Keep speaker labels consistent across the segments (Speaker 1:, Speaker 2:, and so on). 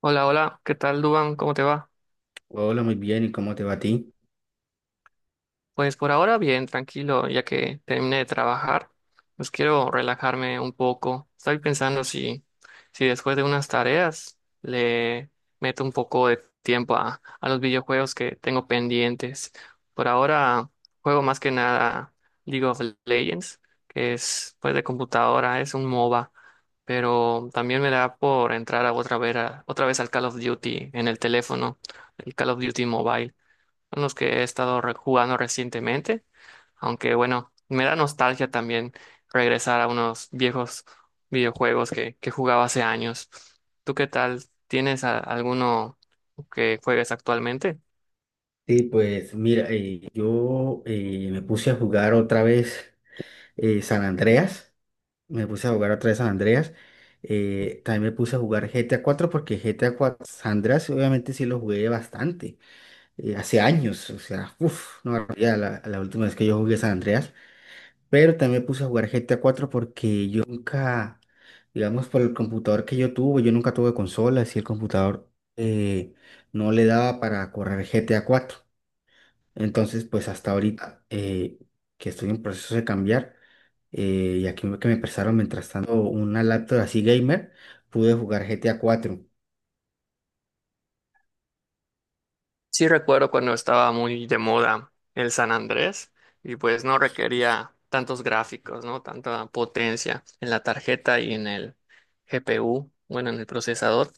Speaker 1: Hola, hola, ¿qué tal, Duban? ¿Cómo te va?
Speaker 2: Hola, muy bien, ¿y cómo te va a ti?
Speaker 1: Pues por ahora bien, tranquilo, ya que terminé de trabajar, pues quiero relajarme un poco. Estoy pensando si después de unas tareas le meto un poco de tiempo a los videojuegos que tengo pendientes. Por ahora juego más que nada League of Legends, que es pues de computadora, es un MOBA, pero también me da por entrar a, otra vez al Call of Duty en el teléfono, el Call of Duty Mobile. Son los que he estado jugando recientemente, aunque bueno, me da nostalgia también regresar a unos viejos videojuegos que jugaba hace años. ¿Tú qué tal? ¿Tienes alguno que juegues actualmente?
Speaker 2: Sí, pues mira, yo me puse a jugar otra vez San Andreas, me puse a jugar otra vez San Andreas. También me puse a jugar GTA 4 porque GTA 4 San Andreas obviamente sí lo jugué bastante, hace años. O sea, uff, no, ya la última vez que yo jugué San Andreas. Pero también me puse a jugar GTA cuatro porque yo nunca, digamos, por el computador que yo tuve, yo nunca tuve consola, y el computador eh, no le daba para correr GTA cuatro. Entonces, pues hasta ahorita, que estoy en proceso de cambiar, y aquí que me prestaron mientras tanto una laptop así gamer, pude jugar GTA cuatro.
Speaker 1: Sí, recuerdo cuando estaba muy de moda el San Andrés y pues no requería tantos gráficos, ¿no? Tanta potencia en la tarjeta y en el GPU, bueno, en el procesador.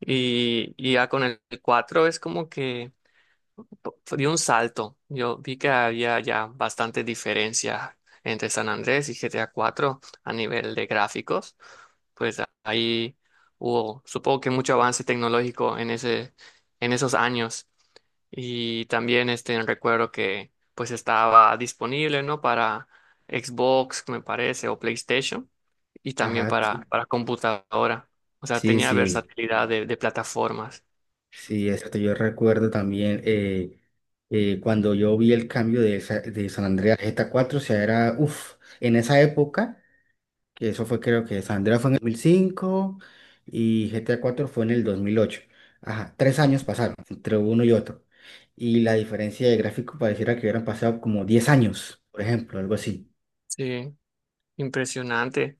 Speaker 1: Y ya con el cuatro es como que di un salto. Yo vi que había ya bastantes diferencias entre San Andrés y GTA 4 a cuatro a nivel de gráficos. Pues ahí hubo, supongo que mucho avance tecnológico en en esos años. Y también este recuerdo que pues estaba disponible, ¿no? Para Xbox, me parece, o PlayStation, y también
Speaker 2: Ajá, sí,
Speaker 1: para computadora. O sea,
Speaker 2: sí,
Speaker 1: tenía
Speaker 2: sí.
Speaker 1: versatilidad de plataformas.
Speaker 2: Sí, exacto. Yo recuerdo también, cuando yo vi el cambio de, de San Andreas a GTA 4, o sea, era, uff, en esa época, que eso fue, creo que San Andreas fue en el 2005 y GTA 4 fue en el 2008. Ajá, 3 años pasaron entre uno y otro. Y la diferencia de gráfico pareciera que hubieran pasado como 10 años, por ejemplo, algo así.
Speaker 1: Sí. Impresionante.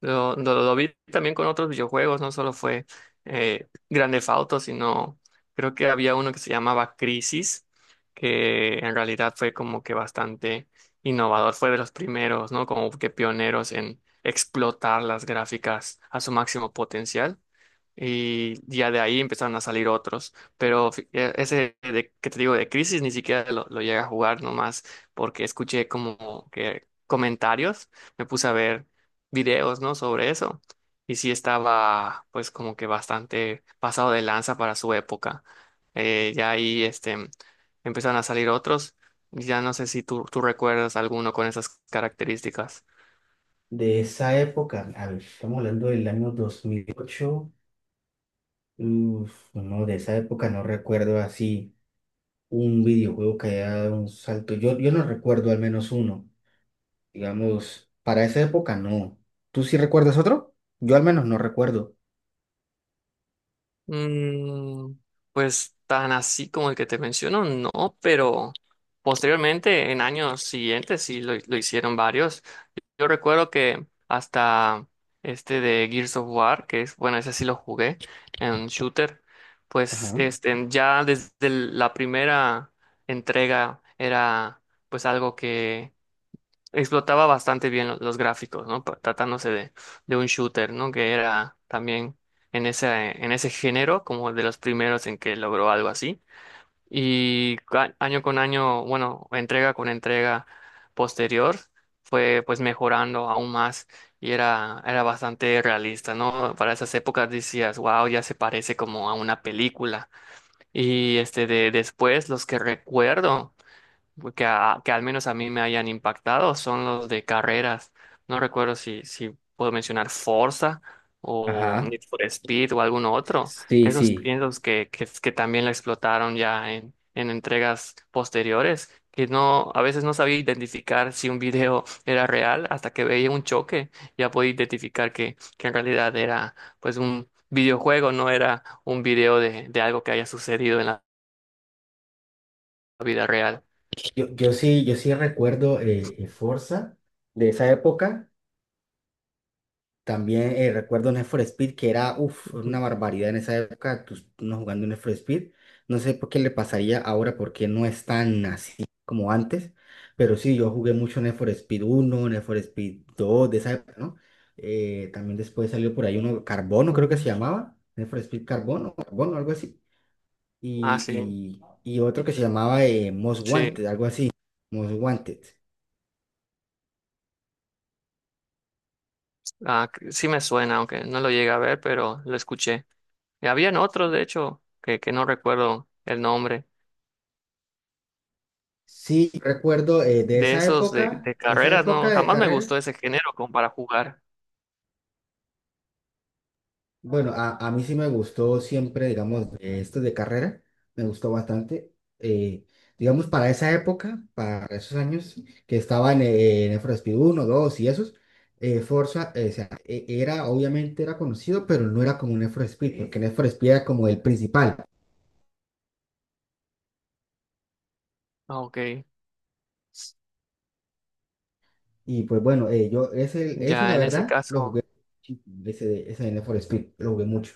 Speaker 1: Lo vi también con otros videojuegos, no solo fue Grand Theft Auto, sino creo que había uno que se llamaba Crisis, que en realidad fue como que bastante innovador, fue de los primeros, ¿no? Como que pioneros en explotar las gráficas a su máximo potencial, y ya de ahí empezaron a salir otros. Pero ese de, que te digo de Crisis ni siquiera lo llegué a jugar nomás porque escuché como que comentarios, me puse a ver videos, ¿no? Sobre eso, y sí estaba pues como que bastante pasado de lanza para su época. Ya ahí empezaron a salir otros. Ya no sé si tú recuerdas alguno con esas características.
Speaker 2: De esa época, a ver, estamos hablando del año 2008. Uff, no, de esa época no recuerdo así un videojuego que haya dado un salto. Yo no recuerdo al menos uno. Digamos, para esa época no. ¿Tú sí recuerdas otro? Yo al menos no recuerdo.
Speaker 1: Mm, pues tan así como el que te menciono, no, pero posteriormente, en años siguientes, sí lo hicieron varios. Yo recuerdo que hasta este de Gears of War, que es, bueno, ese sí lo jugué en shooter, pues
Speaker 2: Ajá.
Speaker 1: este, ya desde la primera entrega era pues algo que explotaba bastante bien los gráficos, ¿no? Tratándose de un shooter, ¿no? Que era también en en ese género, como de los primeros en que logró algo así. Y año con año, bueno, entrega con entrega posterior, fue pues mejorando aún más y era bastante realista, ¿no? Para esas épocas decías, wow, ya se parece como a una película. Y este de después, los que recuerdo que al menos a mí me hayan impactado son los de carreras. No recuerdo si puedo mencionar Forza o
Speaker 2: Ajá.
Speaker 1: Need for Speed o alguno otro.
Speaker 2: Sí,
Speaker 1: Esos
Speaker 2: sí.
Speaker 1: piensos que también la explotaron ya en entregas posteriores, que no, a veces no sabía identificar si un video era real hasta que veía un choque. Ya podía identificar que en realidad era pues un videojuego, no era un video de algo que haya sucedido en la vida real.
Speaker 2: Yo sí recuerdo Forza de esa época. También recuerdo Need for Speed, que era uf,
Speaker 1: Ujú.
Speaker 2: una barbaridad en esa época, tú, uno jugando Need for Speed. No sé por qué le pasaría ahora, porque no es tan así como antes. Pero sí, yo jugué mucho Need for Speed uno, Need for Speed 2 de esa época, ¿no? También después salió por ahí uno, Carbono creo que se
Speaker 1: Ujú.
Speaker 2: llamaba, Need for Speed Carbono, Carbono, algo así.
Speaker 1: Ah, sí.
Speaker 2: Y, y otro que se llamaba Most
Speaker 1: Sí,
Speaker 2: Wanted, algo así, Most Wanted.
Speaker 1: ah, sí me suena, aunque no lo llegué a ver, pero lo escuché. Y habían otros, de hecho, que no recuerdo el nombre.
Speaker 2: Sí, recuerdo, de
Speaker 1: De
Speaker 2: esa
Speaker 1: esos
Speaker 2: época,
Speaker 1: de
Speaker 2: de esa
Speaker 1: carreras,
Speaker 2: época
Speaker 1: no,
Speaker 2: de
Speaker 1: jamás me
Speaker 2: carrera.
Speaker 1: gustó ese género como para jugar.
Speaker 2: Bueno, a mí sí me gustó siempre, digamos, esto de carrera, me gustó bastante. Eh, digamos, para esa época, para esos años que estaban, en el Need for 1, 2 y esos, Forza, o sea, era, obviamente era conocido, pero no era como un Need for Speed, porque Need for Speed era como el principal.
Speaker 1: Ah, Ok,
Speaker 2: Y pues bueno, yo ese
Speaker 1: ya
Speaker 2: la
Speaker 1: en ese
Speaker 2: verdad lo jugué
Speaker 1: caso.
Speaker 2: muchísimo, ese, ese de Need for Speed, lo jugué mucho.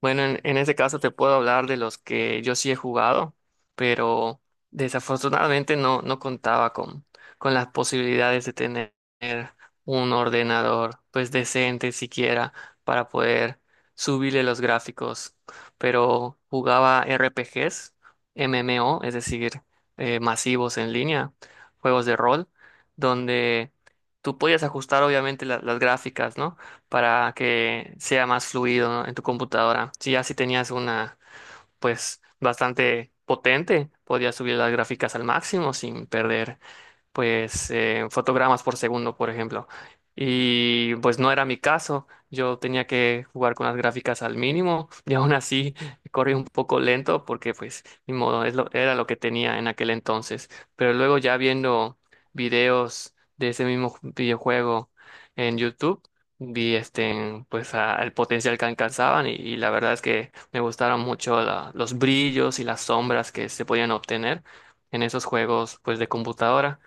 Speaker 1: Bueno, en ese caso te puedo hablar de los que yo sí he jugado, pero desafortunadamente no contaba con las posibilidades de tener un ordenador pues decente siquiera para poder subirle los gráficos. Pero jugaba RPGs, MMO, es decir, masivos en línea, juegos de rol, donde tú podías ajustar obviamente las gráficas, ¿no? Para que sea más fluido, ¿no? En tu computadora. Si ya si tenías una, pues bastante potente, podías subir las gráficas al máximo sin perder pues fotogramas por segundo, por ejemplo. Y pues no era mi caso, yo tenía que jugar con las gráficas al mínimo y aún así corrí un poco lento porque pues ni modo, es era lo que tenía en aquel entonces. Pero luego ya viendo videos de ese mismo videojuego en YouTube, vi este, pues el potencial que alcanzaban y la verdad es que me gustaron mucho los brillos y las sombras que se podían obtener en esos juegos pues de computadora,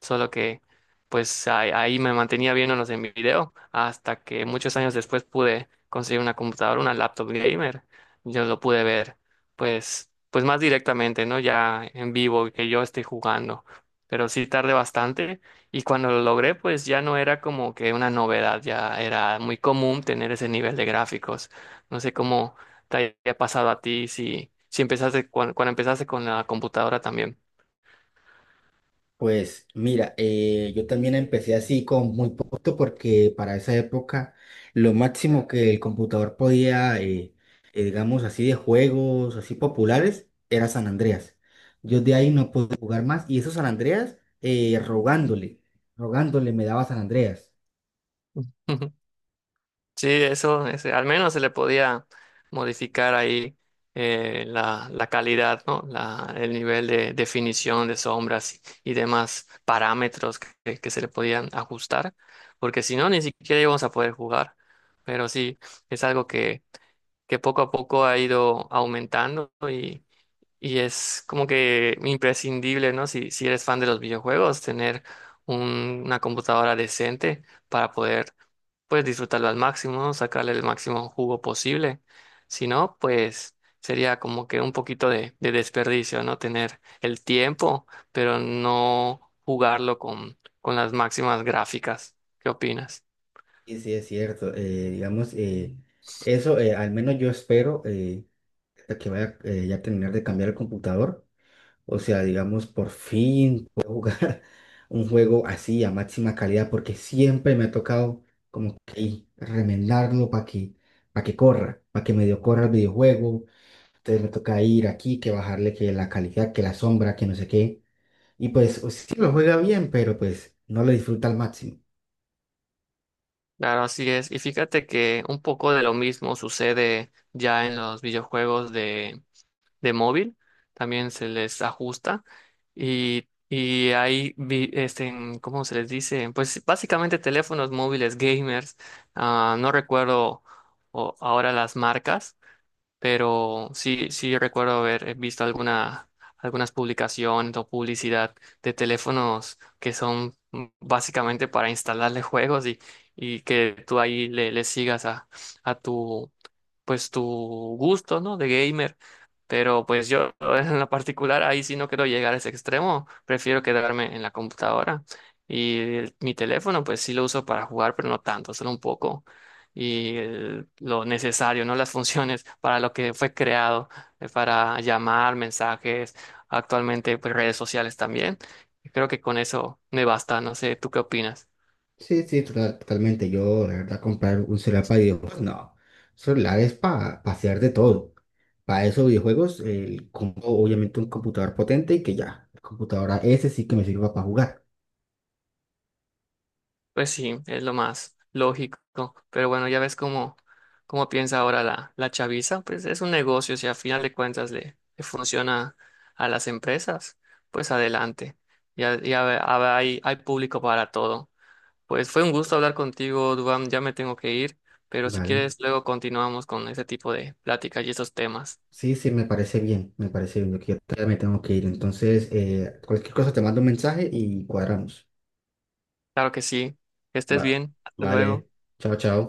Speaker 1: solo que pues ahí me mantenía viéndolos en video hasta que muchos años después pude conseguir una computadora, una laptop gamer. Yo lo pude ver pues más directamente, ¿no? Ya en vivo que yo esté jugando. Pero sí tardé bastante, y cuando lo logré pues ya no era como que una novedad, ya era muy común tener ese nivel de gráficos. No sé cómo te haya pasado a ti si empezaste cuando empezaste con la computadora también.
Speaker 2: Pues mira, yo también empecé así con muy poquito porque para esa época lo máximo que el computador podía, digamos así, de juegos así populares era San Andreas. Yo de ahí no pude jugar más y eso San Andreas, rogándole, rogándole me daba San Andreas.
Speaker 1: Ujú. Sí, eso, ese, al menos se le podía modificar ahí la, la calidad, ¿no? La, el nivel de definición de sombras y demás parámetros que se le podían ajustar, porque si no, ni siquiera íbamos a poder jugar. Pero sí, es algo que poco a poco ha ido aumentando, y es como que imprescindible, ¿no? Si, si eres fan de los videojuegos, tener una computadora decente para poder, pues, disfrutarlo al máximo, ¿no? Sacarle el máximo jugo posible. Si no, pues sería como que un poquito de desperdicio, ¿no? Tener el tiempo, pero no jugarlo con las máximas gráficas. ¿Qué opinas?
Speaker 2: Y sí, es cierto, digamos, eso, al menos yo espero, hasta que vaya, ya a terminar de cambiar el computador. O sea, digamos, por fin puedo jugar un juego así a máxima calidad, porque siempre me ha tocado como que remendarlo para que corra, para que medio corra el videojuego. Entonces me toca ir aquí, que bajarle que la calidad, que la sombra, que no sé qué. Y pues, o sí lo juega bien, pero pues no lo disfruta al máximo.
Speaker 1: Claro, así es. Y fíjate que un poco de lo mismo sucede ya en los videojuegos de móvil. También se les ajusta. Y hay, ¿cómo se les dice? Pues básicamente teléfonos móviles gamers. Ah, no recuerdo ahora las marcas, pero sí, sí recuerdo haber visto algunas publicaciones o publicidad de teléfonos que son básicamente para instalarle juegos, y que tú ahí le sigas a tu, pues tu gusto, ¿no? De gamer. Pero pues yo en la particular ahí sí no quiero llegar a ese extremo, prefiero quedarme en la computadora. Y mi teléfono pues sí lo uso para jugar, pero no tanto, solo un poco. Y lo necesario, ¿no? Las funciones para lo que fue creado, para llamar, mensajes, actualmente pues redes sociales también. Creo que con eso me basta, no sé, ¿tú qué opinas?
Speaker 2: Sí, sí, totalmente. Yo, la verdad, comprar un celular para videojuegos, no. Celular es para hacer de todo. Para esos videojuegos, el, compro, obviamente un computador potente y que ya, la computadora ese sí que me sirva para jugar,
Speaker 1: Pues sí, es lo más lógico. Pero bueno, ya ves cómo piensa ahora la, la chaviza. Pues es un negocio, si a final de cuentas le funciona a las empresas, pues adelante. Ya, hay público para todo. Pues fue un gusto hablar contigo, Dubán. Ya me tengo que ir, pero si
Speaker 2: ¿vale?
Speaker 1: quieres, luego continuamos con este tipo de pláticas y esos temas.
Speaker 2: Sí, sí, me parece bien, me parece bien. Yo que ya me tengo que ir. Entonces, cualquier cosa te mando un mensaje y cuadramos.
Speaker 1: Claro que sí. Que estés
Speaker 2: Va,
Speaker 1: bien. Hasta
Speaker 2: vale,
Speaker 1: luego.
Speaker 2: chao, chao.